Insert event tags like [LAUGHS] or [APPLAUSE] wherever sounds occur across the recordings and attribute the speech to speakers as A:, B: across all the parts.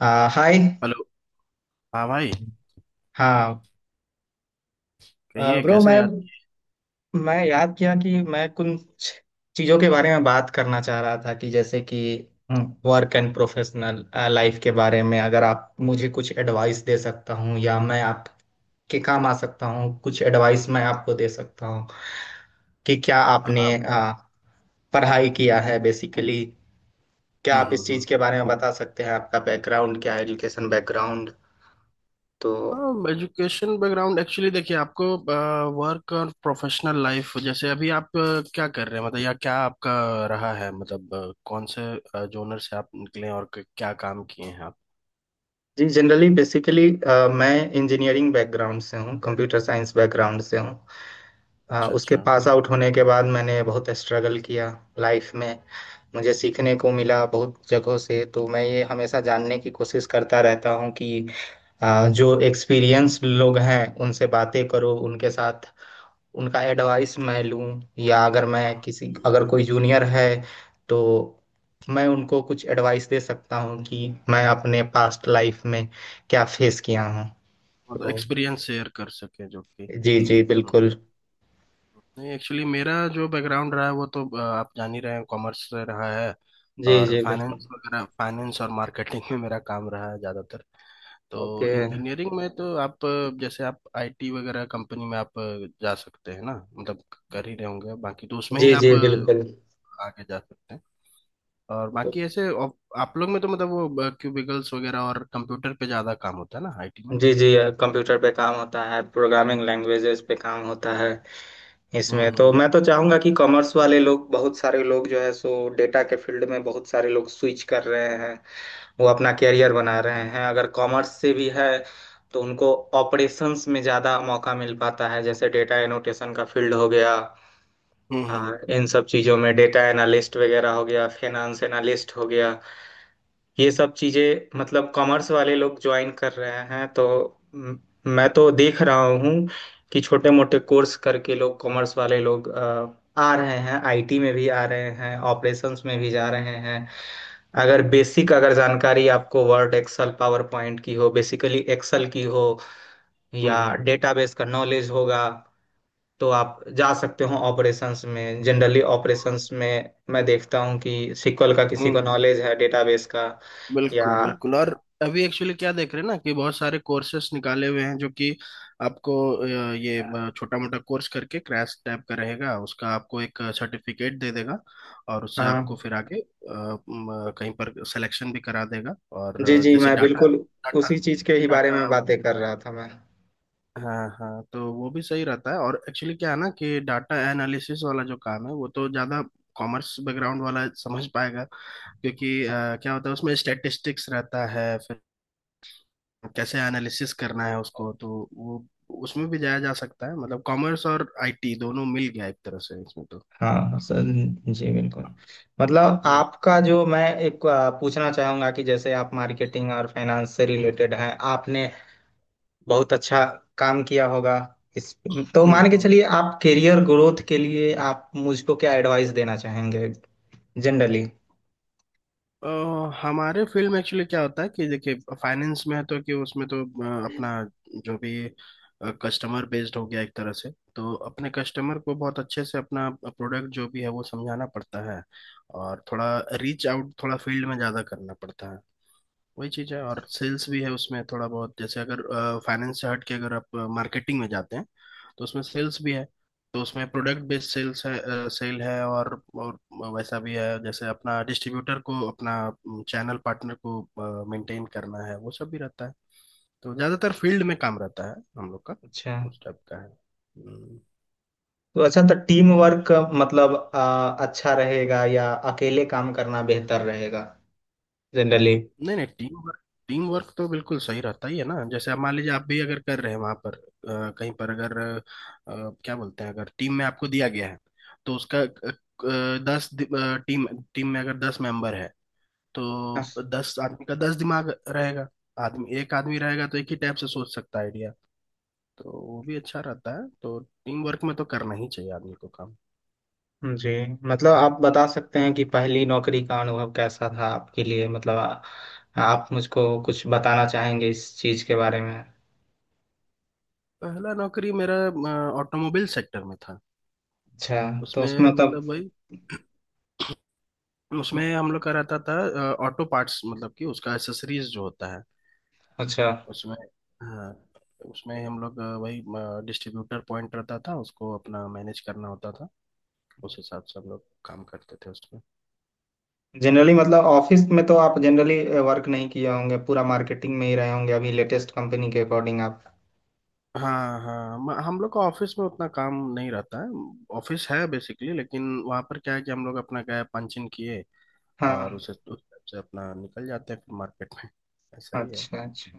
A: हाय।
B: Hello. हाँ भाई।
A: हाँ
B: कहिए,
A: ब्रो,
B: कैसे
A: मैं
B: याद?
A: मैं याद किया कि मैं कुछ चीज़ों के बारे में बात करना चाह रहा था कि जैसे कि वर्क एंड प्रोफेशनल लाइफ के बारे में। अगर आप मुझे कुछ एडवाइस दे सकता हूँ या मैं आपके काम आ सकता हूँ कुछ एडवाइस मैं आपको दे सकता हूँ कि क्या आपने
B: हाँ।
A: पढ़ाई किया है बेसिकली। क्या
B: हम्म
A: आप
B: हम्म
A: इस चीज़
B: हम्म।
A: के बारे में बता सकते हैं आपका बैकग्राउंड क्या है एजुकेशन बैकग्राउंड।
B: हाँ,
A: तो
B: एजुकेशन बैकग्राउंड एक्चुअली देखिए, आपको वर्क और प्रोफेशनल लाइफ जैसे अभी आप क्या कर रहे हैं, मतलब, या क्या आपका रहा है, मतलब कौन से जोनर से आप निकले हैं और क्या काम किए हैं आप।
A: जी जनरली बेसिकली मैं इंजीनियरिंग बैकग्राउंड से हूँ कंप्यूटर साइंस बैकग्राउंड से हूँ।
B: अच्छा
A: उसके
B: अच्छा।
A: पास आउट होने के बाद मैंने बहुत स्ट्रगल किया लाइफ में। मुझे सीखने को मिला बहुत जगहों से, तो मैं ये हमेशा जानने की कोशिश करता रहता हूँ कि जो एक्सपीरियंस लोग हैं उनसे बातें करो, उनके साथ उनका एडवाइस मैं लूं, या अगर मैं किसी अगर कोई जूनियर है तो मैं उनको कुछ एडवाइस दे सकता हूं कि मैं अपने पास्ट लाइफ में क्या फेस किया हूं।
B: मतलब
A: तो
B: एक्सपीरियंस शेयर कर सके जो कि।
A: जी जी
B: हम्म।
A: बिल्कुल।
B: नहीं, एक्चुअली मेरा जो बैकग्राउंड रहा है वो तो आप जान ही रहे हैं, कॉमर्स से रहा है।
A: जी
B: और
A: जी बिल्कुल।
B: फाइनेंस वगैरह, फाइनेंस और मार्केटिंग में मेरा काम रहा है ज़्यादातर। तो
A: ओके।
B: इंजीनियरिंग में तो आप जैसे आप आईटी वगैरह कंपनी में आप जा सकते हैं ना, मतलब कर ही रहे होंगे। बाकी तो उसमें
A: जी
B: ही आप
A: जी बिल्कुल।
B: आगे जा सकते हैं। और बाकी
A: तो-
B: ऐसे आप लोग में तो मतलब वो क्यूबिकल्स वगैरह और कंप्यूटर पे ज़्यादा काम होता है ना, आईटी में।
A: जी जी। कंप्यूटर पे काम होता है, प्रोग्रामिंग लैंग्वेजेस पे काम होता है। इसमें तो
B: हम्म
A: मैं तो चाहूंगा कि कॉमर्स वाले लोग, बहुत सारे लोग जो है सो डेटा के फील्ड में बहुत सारे लोग स्विच कर रहे हैं। वो अपना कैरियर बना रहे हैं। अगर कॉमर्स से भी है तो उनको ऑपरेशंस में ज़्यादा मौका मिल पाता है, जैसे डेटा एनोटेशन का फील्ड हो गया।
B: हम्म हम्म
A: हाँ, इन सब चीज़ों में डेटा एनालिस्ट वगैरह हो गया, फाइनेंस एनालिस्ट हो गया। ये सब चीज़ें मतलब कॉमर्स वाले लोग ज्वाइन कर रहे हैं, तो म- मैं तो देख रहा हूँ कि छोटे मोटे कोर्स करके लोग, कॉमर्स वाले लोग आ रहे हैं, आईटी में भी आ रहे हैं, ऑपरेशंस में भी जा रहे हैं। अगर बेसिक अगर जानकारी आपको वर्ड एक्सेल पावर पॉइंट की हो, बेसिकली एक्सेल की हो,
B: हम्म
A: या
B: हम्म
A: डेटाबेस का नॉलेज होगा, तो आप जा सकते हो ऑपरेशंस में। जनरली
B: हम्म
A: ऑपरेशंस में मैं देखता हूँ कि सीक्वल का किसी
B: हम्म,
A: को
B: हम्म।
A: नॉलेज है, डेटाबेस का या
B: बिल्कुल बिल्कुल। और अभी एक्चुअली क्या देख रहे हैं ना कि बहुत सारे कोर्सेस निकाले हुए हैं जो कि आपको ये छोटा मोटा कोर्स करके क्रैश टाइप का रहेगा उसका, आपको एक सर्टिफिकेट दे देगा और उससे आपको
A: हाँ।
B: फिर आगे कहीं पर सिलेक्शन भी करा देगा। और
A: जी जी
B: जैसे
A: मैं
B: डाटा,
A: बिल्कुल
B: डाटा,
A: उसी चीज के ही बारे में
B: डाटा।
A: बातें कर रहा था मैं।
B: हाँ हाँ, तो वो भी सही रहता है। और एक्चुअली क्या है ना कि डाटा एनालिसिस वाला जो काम है वो तो ज़्यादा कॉमर्स बैकग्राउंड वाला समझ पाएगा, क्योंकि क्या होता है उसमें स्टैटिस्टिक्स रहता है, फिर कैसे एनालिसिस करना है उसको, तो वो उसमें भी जाया जा सकता है। मतलब कॉमर्स और आईटी दोनों मिल गया एक तरह से इसमें तो।
A: हाँ सर। जी बिल्कुल। मतलब
B: हम्म
A: आपका जो, मैं एक पूछना चाहूंगा कि जैसे आप मार्केटिंग और फाइनेंस से रिलेटेड हैं, आपने बहुत अच्छा काम किया होगा इस। तो
B: हम्म
A: मान के
B: हम्म।
A: चलिए, आप करियर ग्रोथ के लिए आप मुझको क्या एडवाइस देना चाहेंगे जनरली।
B: अ, हमारे फील्ड में एक्चुअली क्या होता है कि देखिए, फाइनेंस में है तो कि उसमें तो अपना जो भी कस्टमर बेस्ड हो गया एक तरह से, तो अपने कस्टमर को बहुत अच्छे से अपना प्रोडक्ट जो भी है वो समझाना पड़ता है, और थोड़ा रीच आउट, थोड़ा फील्ड में ज़्यादा करना पड़ता है। वही चीज़ है। और सेल्स भी है उसमें थोड़ा बहुत, जैसे अगर फाइनेंस से हट के अगर आप मार्केटिंग में जाते हैं, तो उसमें सेल्स भी है। तो उसमें प्रोडक्ट बेस्ड सेल्स है, सेल है, और वैसा भी है जैसे अपना डिस्ट्रीब्यूटर को, अपना चैनल पार्टनर को मेंटेन करना है, वो सब भी रहता है। तो ज़्यादातर फील्ड में काम रहता है हम लोग का,
A: अच्छा।
B: उस टाइप का है। हम्म।
A: तो अच्छा, तो टीम वर्क मतलब अच्छा रहेगा, या अकेले काम करना बेहतर रहेगा जनरली।
B: नहीं नहीं, टीम वर्क। टीम वर्क तो बिल्कुल सही रहता ही है ना। जैसे अब मान लीजिए आप भी अगर कर रहे हैं वहां पर कहीं पर अगर क्या बोलते हैं, अगर टीम में आपको दिया गया है तो उसका टीम टीम में अगर 10 मेंबर है, तो 10 आदमी का 10 दिमाग रहेगा। आदमी एक आदमी रहेगा तो एक ही टाइप से सोच सकता है आइडिया, तो वो भी अच्छा रहता है। तो टीम वर्क में तो करना ही चाहिए आदमी को काम।
A: जी। मतलब आप बता सकते हैं कि पहली नौकरी का अनुभव कैसा था आपके लिए। मतलब आप मुझको कुछ बताना चाहेंगे इस चीज के बारे में।
B: पहला नौकरी मेरा ऑटोमोबाइल सेक्टर में था।
A: अच्छा। तो
B: उसमें
A: उसमें मतलब।
B: मतलब वही, उसमें हम लोग कराता था ऑटो पार्ट्स, मतलब कि उसका एसेसरीज जो होता है
A: अच्छा।
B: उसमें। हाँ, उसमें हम लोग वही डिस्ट्रीब्यूटर पॉइंट रहता था, उसको अपना मैनेज करना होता था। उस हिसाब से हम लोग काम करते थे उसमें।
A: जनरली मतलब ऑफिस में तो आप जनरली वर्क नहीं किए होंगे, पूरा मार्केटिंग में ही रहे होंगे अभी लेटेस्ट कंपनी के अकॉर्डिंग आप।
B: हाँ हाँ, हम लोग का ऑफिस में उतना काम नहीं रहता है। ऑफिस है बेसिकली, लेकिन वहाँ पर क्या है कि हम लोग अपना गए, पंच इन किए, और
A: हाँ।
B: उसे उस हिसाब से अपना निकल जाते हैं फिर मार्केट में। ऐसा ही है।
A: अच्छा अच्छा।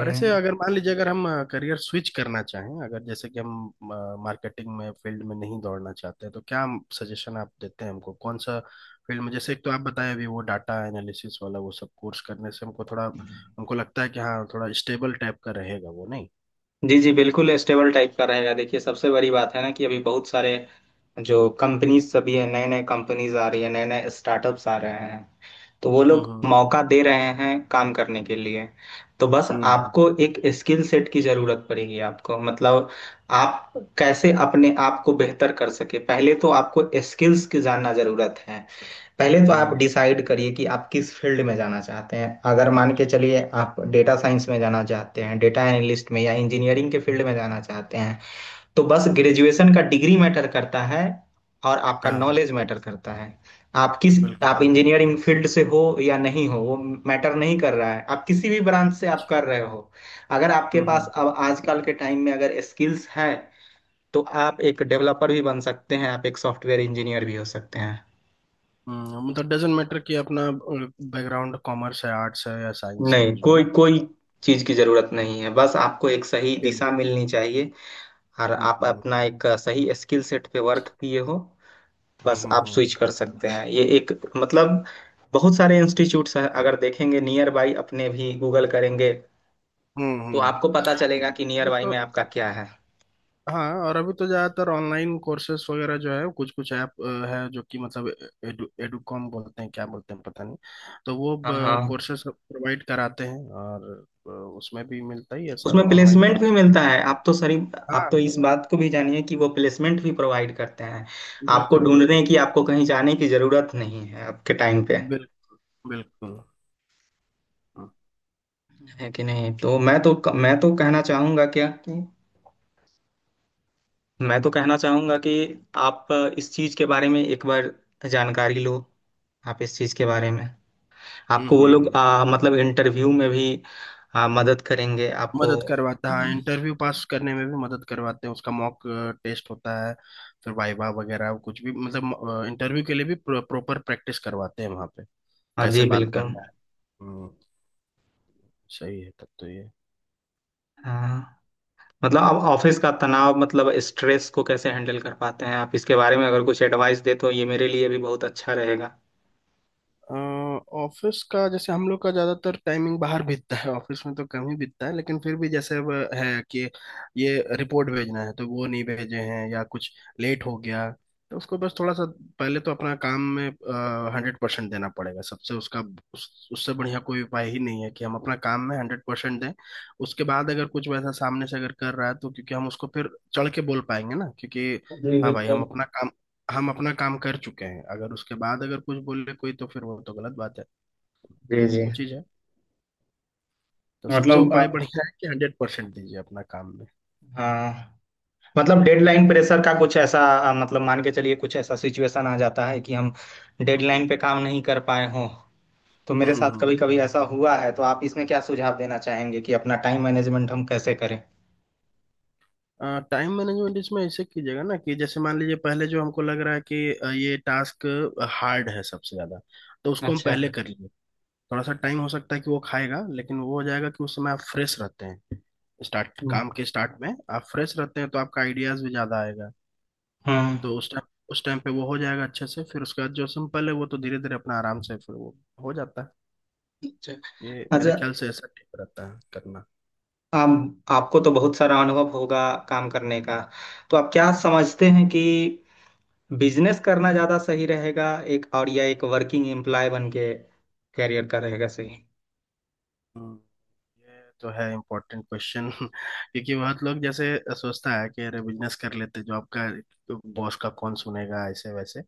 B: और ऐसे अगर मान लीजिए, अगर हम करियर स्विच करना चाहें, अगर जैसे कि हम मार्केटिंग में फील्ड में नहीं दौड़ना चाहते, तो क्या सजेशन आप देते हैं हमको, कौन सा फील्ड में? जैसे एक तो आप बताएं, अभी वो डाटा एनालिसिस वाला वो सब कोर्स करने से हमको लगता है कि हाँ थोड़ा स्टेबल टाइप का रहेगा वो, नहीं?
A: जी जी बिल्कुल स्टेबल टाइप का रहेगा। देखिए सबसे बड़ी बात है ना, कि अभी बहुत सारे जो कंपनीज सभी है, नए नए कंपनीज आ रही है, नए नए स्टार्टअप्स आ रहे हैं, तो वो लोग
B: हम्म
A: मौका दे रहे हैं काम करने के लिए। तो बस
B: हम्म हम्म
A: आपको एक स्किल सेट की जरूरत पड़ेगी। आपको मतलब, आप कैसे अपने आप को बेहतर कर सके, पहले तो आपको स्किल्स की जानना जरूरत है। पहले तो आप
B: हम्म
A: डिसाइड करिए कि आप किस फील्ड में जाना चाहते हैं। अगर मान के चलिए आप डेटा साइंस में जाना चाहते हैं, डेटा एनालिस्ट में, या इंजीनियरिंग के फील्ड में जाना चाहते हैं, तो बस
B: हम्म।
A: ग्रेजुएशन का डिग्री मैटर करता है और आपका
B: हाँ हाँ,
A: नॉलेज मैटर करता है। आप किस,
B: बिल्कुल।
A: आप इंजीनियरिंग फील्ड से हो या नहीं हो, वो मैटर नहीं कर रहा है। आप किसी भी ब्रांच से आप कर रहे हो, अगर आपके
B: हम्म
A: पास
B: हम्म
A: अब आजकल के टाइम में अगर स्किल्स हैं, तो आप एक डेवलपर भी बन सकते हैं, आप एक सॉफ्टवेयर इंजीनियर भी हो सकते हैं।
B: हम्म। मतलब डजेंट मैटर कि अपना बैकग्राउंड कॉमर्स है, आर्ट्स है या साइंस है,
A: नहीं,
B: कुछ भी
A: कोई
B: ना।
A: कोई चीज की जरूरत नहीं है। बस आपको एक सही
B: चलो।
A: दिशा मिलनी चाहिए, और
B: हम्म
A: आप
B: हम्म
A: अपना एक सही स्किल सेट पे वर्क किए हो,
B: हम्म
A: बस आप स्विच
B: हम्म
A: कर सकते हैं। ये एक मतलब, बहुत सारे इंस्टीट्यूट्स हैं, अगर देखेंगे नियर बाई अपने भी गूगल करेंगे
B: हम्म
A: तो
B: हम्म।
A: आपको पता चलेगा कि नियर
B: अभी
A: बाई
B: तो,
A: में आपका क्या है।
B: हाँ, और अभी तो ज़्यादातर ऑनलाइन कोर्सेस वगैरह जो है, कुछ कुछ ऐप है जो कि मतलब एडुकॉम बोलते हैं, क्या बोलते हैं पता नहीं। तो वो
A: हाँ हाँ,
B: कोर्सेस प्रोवाइड कराते हैं, और उसमें भी मिलता ही है सर,
A: उसमें
B: ऑनलाइन
A: प्लेसमेंट भी
B: क्लास।
A: मिलता है। आप तो सरी, आप तो इस
B: हाँ,
A: बात को भी जानिए कि वो प्लेसमेंट भी प्रोवाइड करते हैं। आपको
B: बिल्कुल
A: ढूंढने
B: बिल्कुल।
A: की, आपको कहीं जाने की जरूरत नहीं है आपके टाइम पे,
B: बिल, बिल्कुल। हम्म
A: है कि नहीं। तो मैं तो कहना चाहूंगा क्या कि, मैं तो कहना चाहूंगा कि आप इस चीज के बारे में एक बार जानकारी लो। आप इस चीज के बारे में, आपको वो लोग
B: हम्म।
A: मतलब इंटरव्यू में भी मदद करेंगे आपको।
B: मदद करवाता है, हाँ, इंटरव्यू पास करने में भी मदद करवाते हैं, उसका मॉक टेस्ट होता है, फिर वाइवा वगैरह कुछ भी, मतलब इंटरव्यू के लिए भी प्रॉपर प्रैक्टिस करवाते हैं वहाँ पे
A: हाँ जी
B: कैसे बात
A: बिल्कुल।
B: करना है। हम्म। सही है तब तो ये।
A: हाँ मतलब, आप ऑफिस का तनाव मतलब स्ट्रेस को कैसे हैंडल कर पाते हैं। आप इसके बारे में अगर कुछ एडवाइस दे, तो ये मेरे लिए भी बहुत अच्छा रहेगा।
B: अ, ऑफिस का जैसे हम लोग का ज्यादातर टाइमिंग बाहर बीतता है, ऑफिस में तो कम ही बीतता है, लेकिन फिर भी जैसे अब है कि ये रिपोर्ट भेजना है तो वो नहीं भेजे हैं या कुछ लेट हो गया, तो उसको बस थोड़ा सा पहले तो अपना काम में 100% देना पड़ेगा सबसे। उसका उससे बढ़िया कोई उपाय ही नहीं है कि हम अपना काम में हंड्रेड परसेंट दें। उसके बाद अगर कुछ वैसा सामने से अगर कर रहा है तो, क्योंकि हम उसको फिर चढ़ के बोल पाएंगे ना, क्योंकि
A: जी
B: हाँ भाई,
A: बिल्कुल।
B: हम अपना काम कर चुके हैं। अगर उसके बाद अगर कुछ बोले कोई तो फिर वो तो गलत बात है। तो
A: जी जी।
B: वो चीज़ है। तो सबसे
A: मतलब
B: उपाय बढ़िया है कि 100% दीजिए अपना काम में।
A: हाँ, मतलब डेडलाइन प्रेशर का कुछ ऐसा मतलब मान के चलिए कुछ ऐसा सिचुएशन आ जाता है कि हम
B: हम्म
A: डेडलाइन पे काम नहीं कर पाए हों। तो
B: हम्म
A: मेरे साथ
B: हम्म।
A: कभी कभी ऐसा हुआ है, तो आप इसमें क्या सुझाव देना चाहेंगे कि अपना टाइम मैनेजमेंट हम कैसे करें।
B: टाइम मैनेजमेंट इसमें ऐसे कीजिएगा ना कि जैसे मान लीजिए पहले जो हमको लग रहा है कि ये टास्क हार्ड है सबसे ज्यादा, तो उसको हम
A: अच्छा।
B: पहले कर लेंगे। थोड़ा सा टाइम हो सकता है कि वो खाएगा, लेकिन वो हो जाएगा, कि उस समय आप फ्रेश रहते हैं, स्टार्ट काम के स्टार्ट में आप फ्रेश रहते हैं, तो आपका आइडियाज भी ज्यादा आएगा।
A: हम्म।
B: तो उस टाइम पे वो हो जाएगा अच्छे से, फिर उसके बाद जो सिंपल है वो तो धीरे धीरे अपना आराम से फिर वो हो जाता है।
A: अच्छा
B: ये मेरे
A: अच्छा।
B: ख्याल से ऐसा ठीक रहता है करना।
A: आप, आपको तो बहुत सारा अनुभव होगा काम करने का। तो आप क्या समझते हैं कि बिजनेस करना ज्यादा सही रहेगा एक और, या एक वर्किंग एम्प्लॉय बन के करियर का रहेगा सही।
B: हम्म। ये तो है इम्पोर्टेंट क्वेश्चन। [LAUGHS] क्योंकि बहुत लोग जैसे सोचता है कि अरे बिजनेस कर लेते, जॉब का बॉस का कौन सुनेगा, ऐसे वैसे।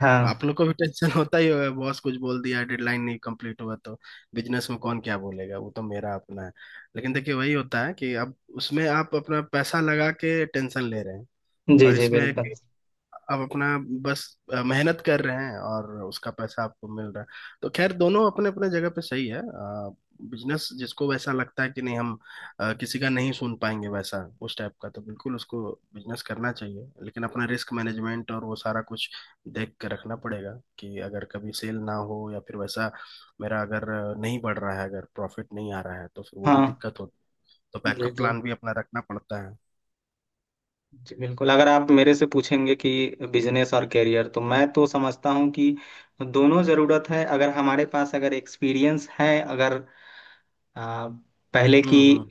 A: हाँ।
B: आप लोग को भी टेंशन [LAUGHS] होता ही होगा, बॉस कुछ बोल दिया, डेडलाइन नहीं कंप्लीट हुआ तो। बिजनेस में कौन क्या बोलेगा, वो तो मेरा अपना है। लेकिन देखिए वही होता है कि अब उसमें आप अपना पैसा लगा के टेंशन ले रहे हैं,
A: जी
B: और
A: जी
B: इसमें एक
A: बिल्कुल।
B: आप अपना बस मेहनत कर रहे हैं और उसका पैसा आपको मिल रहा है। तो खैर, दोनों अपने अपने जगह पे सही है। बिजनेस जिसको वैसा लगता है कि नहीं हम किसी का नहीं सुन पाएंगे, वैसा उस टाइप का तो बिल्कुल उसको बिजनेस करना चाहिए, लेकिन अपना रिस्क मैनेजमेंट और वो सारा कुछ देख के रखना पड़ेगा कि अगर कभी सेल ना हो या फिर वैसा मेरा अगर नहीं बढ़ रहा है, अगर प्रॉफिट नहीं आ रहा है, तो फिर वो भी
A: हाँ।
B: दिक्कत होती है। तो
A: जी
B: बैकअप
A: जी
B: प्लान भी अपना रखना पड़ता है।
A: जी बिल्कुल। अगर आप मेरे से पूछेंगे कि बिजनेस और करियर, तो मैं तो समझता हूँ कि दोनों ज़रूरत है। अगर हमारे पास अगर एक्सपीरियंस है, अगर आ, पहले की
B: हम्म।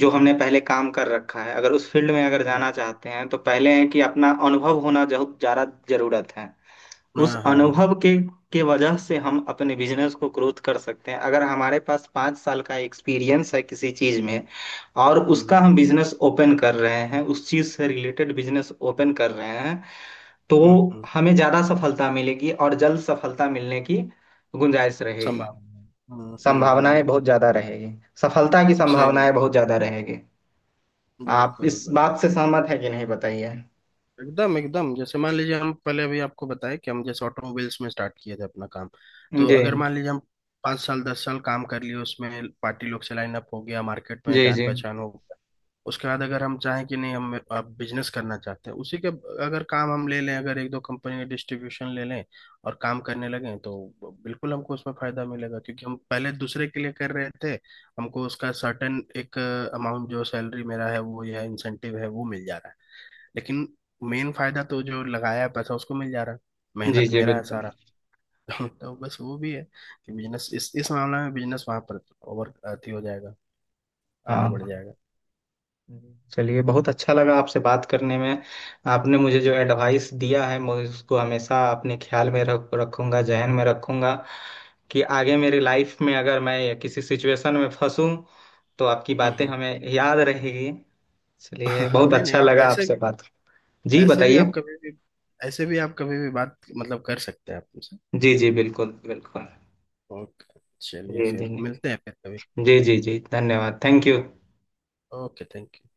A: जो हमने पहले काम कर रखा है, अगर उस फील्ड में अगर जाना चाहते हैं, तो पहले है कि अपना अनुभव होना ज़्यादा ज़रूरत है। उस
B: हाँ हाँ।
A: अनुभव के वजह से हम अपने बिजनेस को ग्रोथ कर सकते हैं। अगर हमारे पास 5 साल का एक्सपीरियंस है किसी चीज में, और
B: हम्म
A: उसका
B: हम्म
A: हम बिजनेस ओपन कर रहे हैं, उस चीज से रिलेटेड बिजनेस ओपन कर रहे हैं, तो
B: हम्म, हम्म।
A: हमें ज्यादा सफलता मिलेगी और जल्द सफलता मिलने की गुंजाइश रहेगी।
B: संभावना है।
A: संभावनाएं
B: हम्म।
A: बहुत ज्यादा रहेगी, सफलता की
B: सही
A: संभावनाएं
B: बात।
A: बहुत ज्यादा रहेगी। आप
B: बिल्कुल
A: इस
B: बिल्कुल।
A: बात से सहमत है कि नहीं बताइए।
B: एकदम एकदम, जैसे मान लीजिए हम पहले अभी आपको बताए कि हम जैसे ऑटोमोबाइल्स में स्टार्ट किए थे अपना काम, तो अगर
A: जी
B: मान लीजिए हम 5 साल 10 साल काम कर लिए, उसमें पार्टी लोग से लाइन अप हो गया, मार्केट में
A: जी
B: जान
A: जी
B: पहचान हो, उसके बाद अगर हम चाहें कि नहीं हम बिजनेस करना चाहते हैं उसी के, अगर काम हम ले लें, अगर एक दो कंपनी का डिस्ट्रीब्यूशन ले लें और काम करने लगें, तो बिल्कुल हमको उसमें फायदा मिलेगा, क्योंकि हम पहले दूसरे के लिए कर रहे थे। हमको उसका सर्टेन एक अमाउंट जो सैलरी मेरा है वो, यह इंसेंटिव है वो मिल जा रहा है, लेकिन मेन फायदा तो जो लगाया है पैसा उसको मिल जा रहा है,
A: जी
B: मेहनत
A: जी
B: मेरा है
A: बिल्कुल।
B: सारा। [LAUGHS] तो बस वो भी है कि बिजनेस इस मामले में, बिजनेस वहां पर ओवर अथी हो जाएगा, आगे बढ़
A: हाँ
B: जाएगा।
A: चलिए, बहुत अच्छा लगा आपसे बात करने में। आपने मुझे जो एडवाइस दिया है, मैं उसको हमेशा अपने ख्याल में रख रखूंगा, जहन में रखूंगा, कि आगे मेरी लाइफ में अगर मैं किसी सिचुएशन में फंसूं तो आपकी बातें
B: हम्म
A: हमें याद रहेगी। चलिए,
B: [LAUGHS]
A: बहुत
B: नहीं नहीं,
A: अच्छा
B: आप
A: लगा
B: ऐसे
A: आपसे बात। जी
B: ऐसे भी आप
A: बताइए।
B: कभी भी ऐसे भी आप कभी भी बात मतलब कर सकते हैं आप मुझसे।
A: जी जी बिल्कुल बिल्कुल।
B: ओके। चलिए
A: जी जी
B: फिर मिलते
A: जी
B: हैं फिर कभी।
A: जी जी जी धन्यवाद। Thank you.
B: Okay, thank you.